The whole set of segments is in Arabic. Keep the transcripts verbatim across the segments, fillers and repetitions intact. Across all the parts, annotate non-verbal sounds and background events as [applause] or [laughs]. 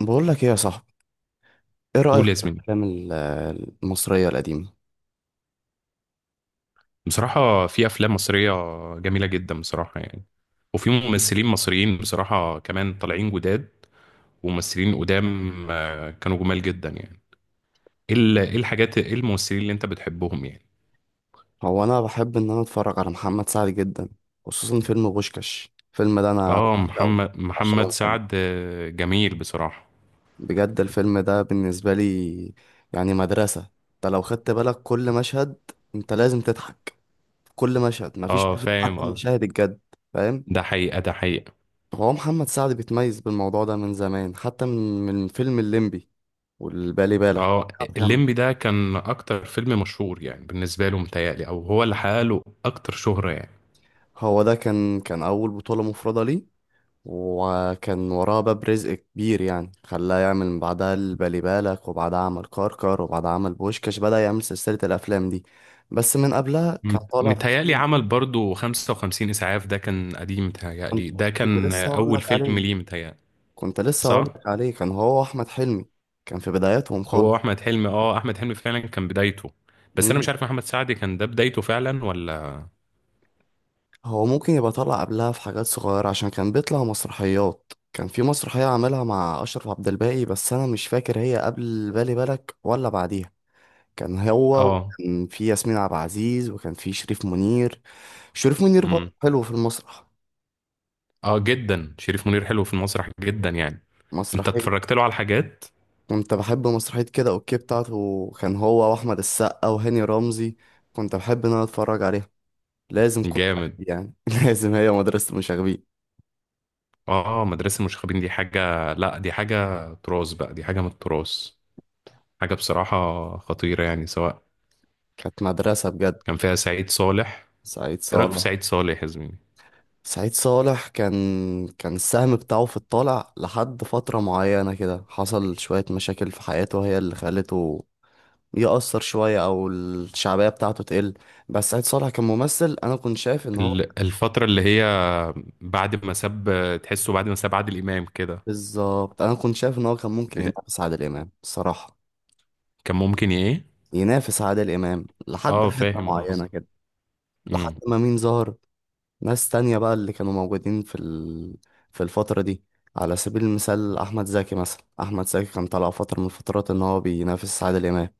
بقول لك ايه يا صاحبي، ايه رأيك قول يا في زميلي. الافلام ال- المصرية القديمة؟ بصراحة في أفلام مصرية جميلة جدا بصراحة يعني، وفي ممثلين مصريين بصراحة كمان طالعين جداد، وممثلين قدام. آه، كانوا جمال جدا يعني. إيه ال- إيه الحاجات، إيه الممثلين اللي أنت بتحبهم يعني؟ هو انا بحب ان انا اتفرج على محمد سعد جدا، خصوصا فيلم بوشكاش. الفيلم ده انا آه، بعشقه، محمد بعشقه محمد من سعد، قلبي. آه، جميل بصراحة. بجد الفيلم ده بالنسبة لي يعني مدرسة. انت لو خدت بالك كل مشهد انت لازم تضحك. كل مشهد، مفيش آه، مشهد فاهم حتى قصدي. مشاهد الجد. فاهم. ده حقيقة، ده حقيقة. هو محمد سعد بيتميز بالموضوع ده من زمان، حتى من من فيلم الليمبي والبالي بالك. آه، الليمبي ده كان أكتر فيلم مشهور يعني بالنسبة له متهيألي، أو هو اللي حقق له أكتر شهرة يعني. هو ده كان كان أول بطولة مفردة ليه، وكان وراه باب رزق كبير يعني خلاه يعمل من بعدها البالي بالك، وبعدها عمل كركر، وبعدها عمل بوشكاش. بدأ يعمل سلسلة الأفلام دي، بس من قبلها كان مت- طالع في متهيألي فيلم. عمل برضو 55 إسعاف، ده كان قديم كنت متهيألي، ده كنت كان لسه هقول أول لك فيلم عليه ليه متهيألي. كنت لسه هقول صح؟ لك عليه، كان هو أحمد حلمي. كان في بداياتهم هو خالص. أحمد حلمي، اه أحمد حلمي فعلا كان بدايته. بس أنا مم. مش عارف محمد سعد كان ده بدايته فعلا ولا. هو ممكن يبقى طالع قبلها في حاجات صغيرة، عشان كان بيطلع مسرحيات. كان في مسرحية عاملها مع أشرف عبد الباقي، بس أنا مش فاكر هي قبل بالي بالك ولا بعديها. كان هو، اه. وكان في ياسمين عبد العزيز، وكان في شريف منير. شريف منير برضه امم. حلو في المسرح. اه، جدا شريف منير حلو في المسرح جدا يعني. أنت مسرحية اتفرجت له على حاجات؟ كنت بحب مسرحية كده اوكي بتاعته، كان هو واحمد السقا وهاني رمزي. كنت بحب ان انا اتفرج عليها. لازم كل جامد. حد يعني [laughs] لازم. هي مدرسة المشاغبين، اه، مدرسة المشاغبين دي حاجة، لا دي حاجة تراث بقى، دي حاجة من التراث، حاجة بصراحة خطيرة يعني، سواء كانت مدرسة بجد. كان فيها سعيد صالح. سعيد إيه رأيك في صالح. سعيد صالح يا زميلي؟ سعيد صالح كان كان السهم بتاعه في الطالع لحد فترة معينة كده، حصل شوية مشاكل في حياته هي اللي خلته يأثر شوية، أو الشعبية بتاعته تقل. بس سعيد صالح كممثل أنا كنت شايف إن هو، ال- الفترة اللي هي بعد ما ساب، تحسه بعد ما ساب عادل إمام كده. بالظبط، أنا كنت شايف إن هو كان ممكن ينافس عادل إمام الصراحة. كان ممكن ايه؟ ينافس عادل إمام لحد اه، حتة فاهم معينة قصدك. كده، لحد امم. ما مين ظهر. ناس تانية بقى اللي كانوا موجودين في ال... في الفترة دي، على سبيل المثال أحمد زكي. مثلا أحمد زكي كان طالع فترة من الفترات إن هو بينافس عادل إمام،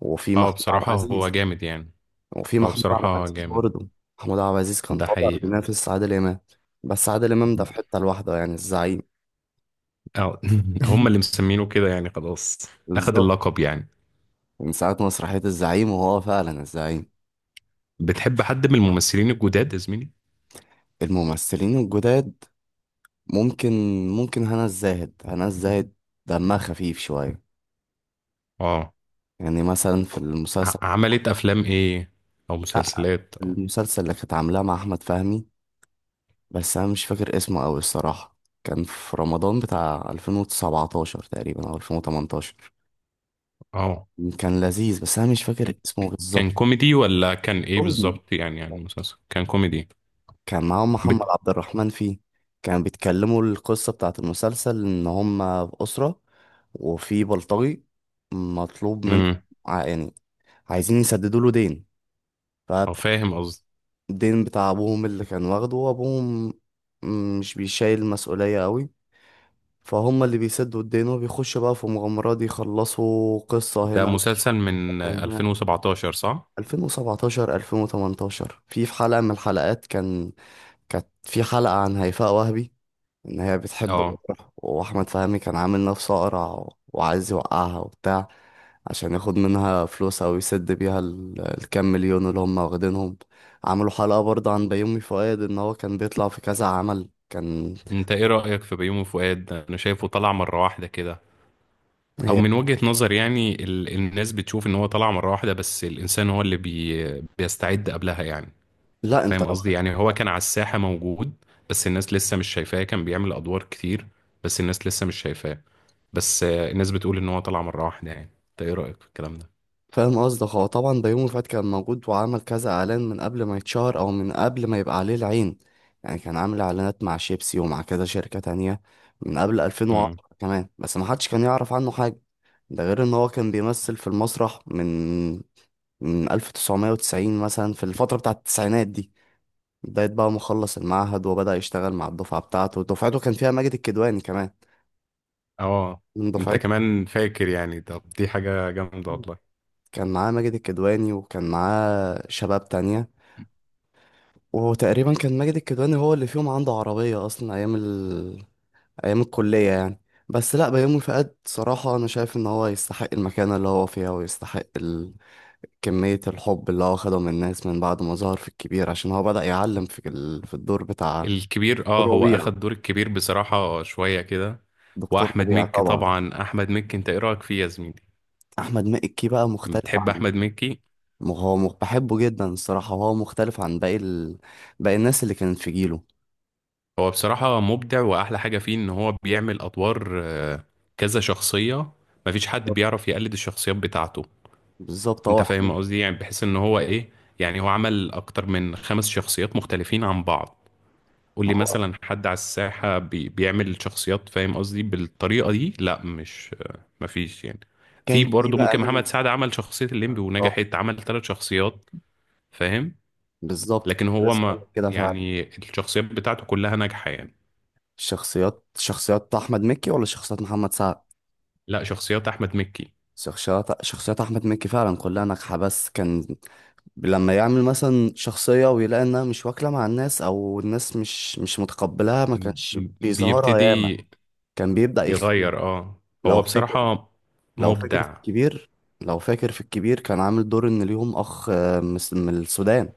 وفي اه، محمود عبد بصراحة هو العزيز جامد يعني. وفي هو محمود عبد بصراحة العزيز جامد. برضه. محمود عبد العزيز كان ده طبعا حقيقة. بينافس عادل إمام، بس عادل إمام ده في حتة لوحده، يعني الزعيم. اه، [laughs] هم اللي [laughs] مسمينه كده يعني خلاص. اخد بالظبط، اللقب يعني. من ساعة مسرحية الزعيم وهو فعلا الزعيم. بتحب حد من الممثلين الجداد يا زميلي؟ الممثلين الجداد، ممكن ممكن، هنا الزاهد هنا الزاهد، دمها خفيف شوية. اه. يعني مثلا في ع- المسلسل، عملت افلام ايه، او لا مسلسلات او. المسلسل اللي كانت عاملاه مع أحمد فهمي، بس أنا مش فاكر اسمه أوي الصراحة. كان في رمضان بتاع ألفين وسبعتاشر تقريبا أو ألفين وتمنتاشر. اه. كان لذيذ بس أنا مش فاكر اسمه كان بالظبط. كوميدي ولا كان ايه كوميدي. بالظبط يعني يعني مسلسل كان كوميدي. كان معاهم محمد بت... عبد الرحمن فيه. كانوا بيتكلموا، القصة بتاعت المسلسل إن هما في أسرة وفي بلطجي مطلوب منه، امم. ع- يعني عايزين يسددوا له دين. اه، فاهم قصدي. فالدين بتاع أبوهم اللي كان واخده، وأبوهم مش بيشايل المسؤولية قوي، فهم اللي بيسدوا الدين وبيخشوا بقى في مغامرات يخلصوا قصة ده هنا مسلسل من هنا ألفين وسبعتاشر صح؟ ألفين وسبعتاشر ألفين وتمنتاشر، في في حلقة من الحلقات كان، كانت في حلقة عن هيفاء وهبي، ان هي بتحب اه. الأقرع، واحمد فهمي كان عامل نفسه أقرع و- وعايز يوقعها وبتاع، عشان ياخد منها فلوس او يسد بيها ال- الكام مليون اللي هم واخدينهم. عملوا حلقة برضه عن بيومي فؤاد، ان هو كان بيطلع في كذا عمل كان. انت ايه رأيك في بيومي فؤاد؟ انا شايفه طلع مرة واحدة كده، او هي، من وجهة نظر يعني، ال... الناس بتشوف ان هو طلع مرة واحدة، بس الانسان هو اللي بي... بيستعد قبلها يعني. لا، انت فاهم لو، قصدي؟ يعني هو كان على الساحة موجود، بس الناس لسه مش شايفاه، كان بيعمل ادوار كتير، بس الناس لسه مش شايفاه. بس آه، الناس بتقول ان هو طلع مرة واحدة يعني. انت ايه رأيك في الكلام ده؟ فاهم قصدك. هو طبعا بيومي فؤاد كان موجود، وعمل كذا اعلان من قبل ما يتشهر او من قبل ما يبقى عليه العين. يعني كان عامل اعلانات مع شيبسي ومع كذا شركة تانية من قبل امم. ألفين وعشرة كمان، بس ما حدش كان يعرف عنه حاجة. ده غير ان هو كان بيمثل في المسرح من من ألف وتسعمائة وتسعين مثلا، في الفترة بتاعة التسعينات دي. بداية بقى ما خلص المعهد وبدأ يشتغل مع الدفعة بتاعته. دفعته كان فيها ماجد الكدواني كمان، اه، من انت دفعته. كمان فاكر يعني. طب دي حاجة جامدة والله. كان معاه ماجد الكدواني وكان معاه شباب تانية، وتقريبا كان ماجد الكدواني هو اللي فيهم عنده عربية أصلا أيام ال... أيام الكلية يعني. بس لأ، بيومي فؤاد صراحة أنا شايف إن هو يستحق المكانة اللي هو فيها، ويستحق ال... كمية الحب اللي هو خده من الناس من بعد ما ظهر في الكبير، عشان هو بدأ يعلم في ال... في الدور بتاع الكبير، اه دكتور هو ربيع. اخد دور الكبير بصراحة شوية كده. دكتور واحمد ربيع مكي طبعا. طبعا، احمد مكي انت ايه رأيك فيه يا زميلي؟ أحمد مكي بقى مختلف بتحب عن، احمد مكي؟ م- هو م... بحبه جدا الصراحة، وهو مختلف عن باقي ال... باقي الناس اللي كانت في جيله. هو بصراحة مبدع، واحلى حاجة فيه ان هو بيعمل ادوار، آه، كذا شخصية. مفيش حد بيعرف يقلد الشخصيات بتاعته. بالظبط، انت هو حلو. فاهم قصدي، يعني بحيث ان هو ايه، يعني هو عمل اكتر من خمس شخصيات مختلفين عن بعض، ما واللي هو مثلا حد على الساحة بي بيعمل شخصيات فاهم قصدي بالطريقة دي، لا مش، مفيش يعني. في كان في برضه بقى ممكن محمد مين. سعد عمل شخصية الليمبي ونجحت، عمل ثلاث شخصيات. فاهم. بالظبط، كنت لكن هو لسه هقول ما لك كده فعلا. يعني الشخصيات بتاعته كلها ناجحة يعني. الشخصيات، شخصيات احمد مكي ولا شخصيات محمد سعد. لا، شخصيات أحمد مكي. شخصيات شخصيات احمد مكي فعلا كلها ناجحه، بس كان لما يعمل مثلا شخصيه ويلاقي انها مش واكله مع الناس، او الناس مش مش متقبلاها، ما م- كانش م- بيظهرها ياما، بيبتدي كان بيبدا يخفيها. يغير اه لو هو فاكر، بصراحة لو فاكر في مبدع. الكبير لو فاكر في الكبير كان عامل دور ان ليهم اخ آه، من الس- من السودان.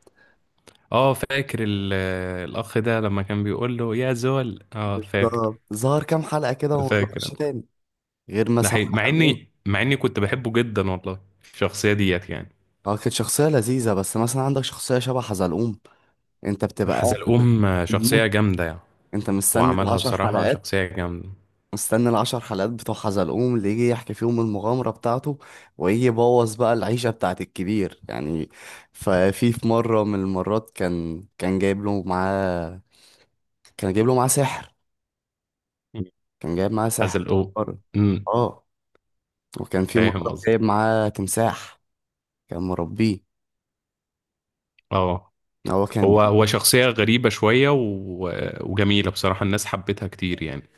اه، فاكر ال- الأخ ده لما كان بيقول له يا زول، اه، فاكر. ظهر ظهر كام حلقه كده وما فاكر. ظهرش تاني، غير ده مثلا حقيقي، مع حلقه. اني، مع اني كنت بحبه جدا والله. الشخصية ديت يعني. اه، كانت شخصية لذيذة، بس مثلا عندك شخصية شبه حزلقوم، انت بتبقى قاعد حزلقوم، آه، في شخصية الموت، جامدة يعني. انت هو مستني عملها العشر بصراحة حلقات شخصية جامدة. مستني العشر حلقات بتوع حزلقوم، اللي يجي يحكي فيهم المغامرة بتاعته، ويجي يبوظ بقى العيشة بتاعت الكبير يعني. ففي في مرة من المرات كان، كان جايب له معاه كان جايب له معاه سحر. مم. كان جايب معاه سحر حزلقوم. مرة. امم. اه. وكان في فاهم مرة قصدي. جايب معاه تمساح، كان مربيه. اه. هو كان هو بي، هو شخصية غريبة شوية و... وجميلة بصراحة، الناس حبتها كتير يعني.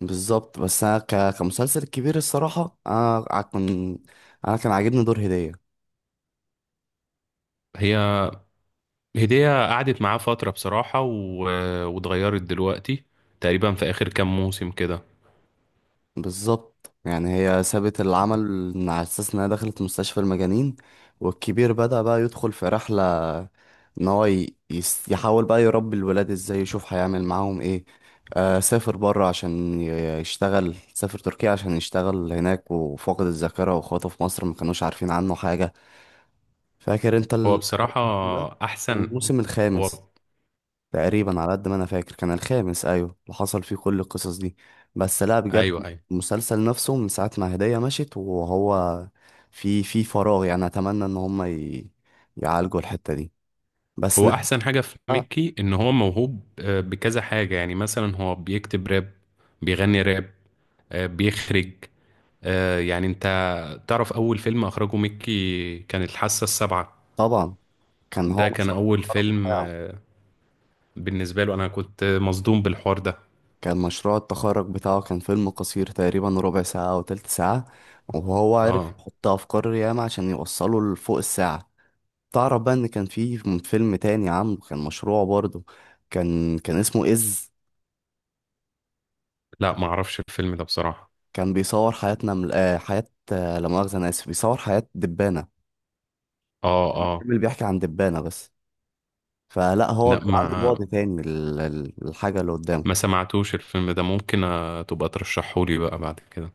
بالظبط. بس انا ك... كمسلسل كبير الصراحه، انا، ع- كان انا كان عاجبني دور هديه. هي. هدية قعدت معاه فترة بصراحة، و... واتغيرت دلوقتي تقريبا في آخر كام موسم كده. بالظبط، يعني هي سابت العمل على اساس انها دخلت مستشفى المجانين، والكبير بدأ بقى يدخل في رحله، ان هو ي... يس... يحاول بقى يربي الولاد ازاي، يشوف هيعمل معاهم ايه. آه سافر بره عشان ي- يشتغل. سافر تركيا عشان يشتغل هناك، وفاقد الذاكره، واخواته في مصر ما كانوش عارفين عنه حاجه. فاكر انت هو ال- بصراحة الموسم ده، أحسن. الموسم هو. الخامس تقريبا على قد ما انا فاكر، كان الخامس، ايوه، اللي حصل فيه كل القصص دي. بس لا بجد، أيوه، أيوه. المسلسل نفسه من ساعة ما هدية مشيت، وهو في في فراغ يعني. اتمنى ان هم ي... يعالجوا الحتة دي. بس هو احسن حاجه في نرجع. ميكي ان هو موهوب، آه، بكذا حاجه يعني، مثلا هو بيكتب راب، بيغني راب، آه، بيخرج، آه، يعني انت تعرف اول فيلم اخرجه ميكي كان الحاسه السابعه. طبعا كان هو ده كان مشروع اول التخرج فيلم بتاعه. آه، بالنسبه له انا كنت مصدوم بالحوار ده. كان مشروع التخرج بتاعه كان فيلم قصير، تقريبا ربع ساعة او تلت ساعة، وهو عرف اه. يحط افكار ياما عشان يوصله لفوق الساعة. تعرف بقى ان كان في فيلم تاني عامله، كان مشروع برضه، كان كان اسمه إز. لا، ما اعرفش الفيلم ده بصراحه. كان بيصور حياتنا من آه حياة، آه لا مؤاخذة أنا آسف، بيصور حياة دبانة، اه، الفيلم اه. اللي بيحكي عن دبانة بس، فلا هو لا، بيبقى عنده ما بعد تاني للحاجة اللي قدامه. ما سمعتوش الفيلم ده. ممكن آه، تبقى ترشحهولي بقى بعد كده.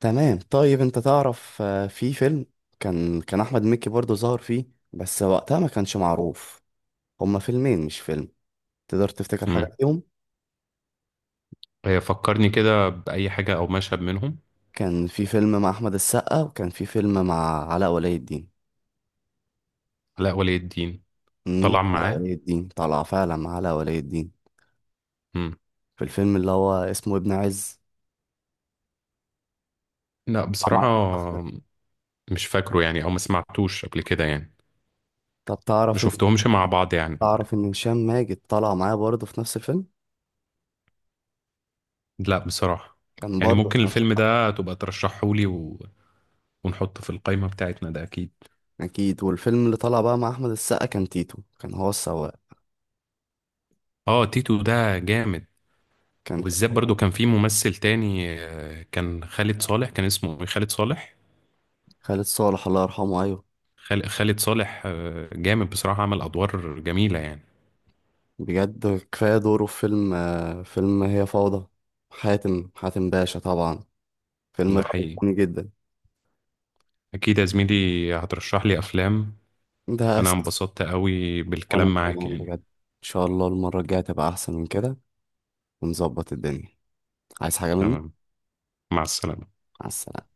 تمام. طيب أنت تعرف آه في فيلم كان كان أحمد مكي برضه ظهر فيه بس وقتها ما كانش معروف. هما فيلمين مش فيلم. تقدر تفتكر حاجة امم. فيهم. فكرني كده باي حاجه او مشهد منهم. كان في فيلم مع أحمد السقا، وكان في فيلم مع علاء ولي الدين. لا، ولي الدين. امم طلع علاء معاه. ولي الدين، طلع فعلا مع علاء ولي الدين، مم. في الفيلم اللي هو اسمه ابن عز. لا، بصراحة. مش فاكره يعني، او ما سمعتوش قبل كده يعني. طب ما تعرف ان شفتهمش مع بعض يعني قبل تعرف كده. ان هشام ماجد طلع معايا برضه في نفس الفيلم. لا، بصراحة. كان يعني برضه ممكن في نفس الفيلم الحفلة. ده تبقى ترشحهولي و... ونحطه في القائمة بتاعتنا ده اكيد. اكيد. والفيلم اللي طلع بقى مع احمد السقا كان تيتو، كان هو السواق. اه، تيتو ده جامد. كان فيلم وبالذات برضو [laughs] كان في ممثل تاني، آه، كان خالد صالح. كان اسمه إيه؟ خالد صالح. خالد صالح الله يرحمه، ايوه. خال- خالد صالح، آه، جامد بصراحة، عمل ادوار جميلة يعني. بجد كفايه دوره في فيلم آه، فيلم هي فوضى. حاتم حاتم باشا طبعا، الفيلم ده ده حقيقي. عجبني جدا. اكيد يا زميلي هترشح لي افلام. ده انا اساسي. انبسطت قوي وانا بالكلام معاك كمان بجد يعني. ان شاء الله المره الجايه تبقى احسن من كده، ونظبط الدنيا. عايز حاجه مني؟ تمام. مع السلامة. مع السلامة.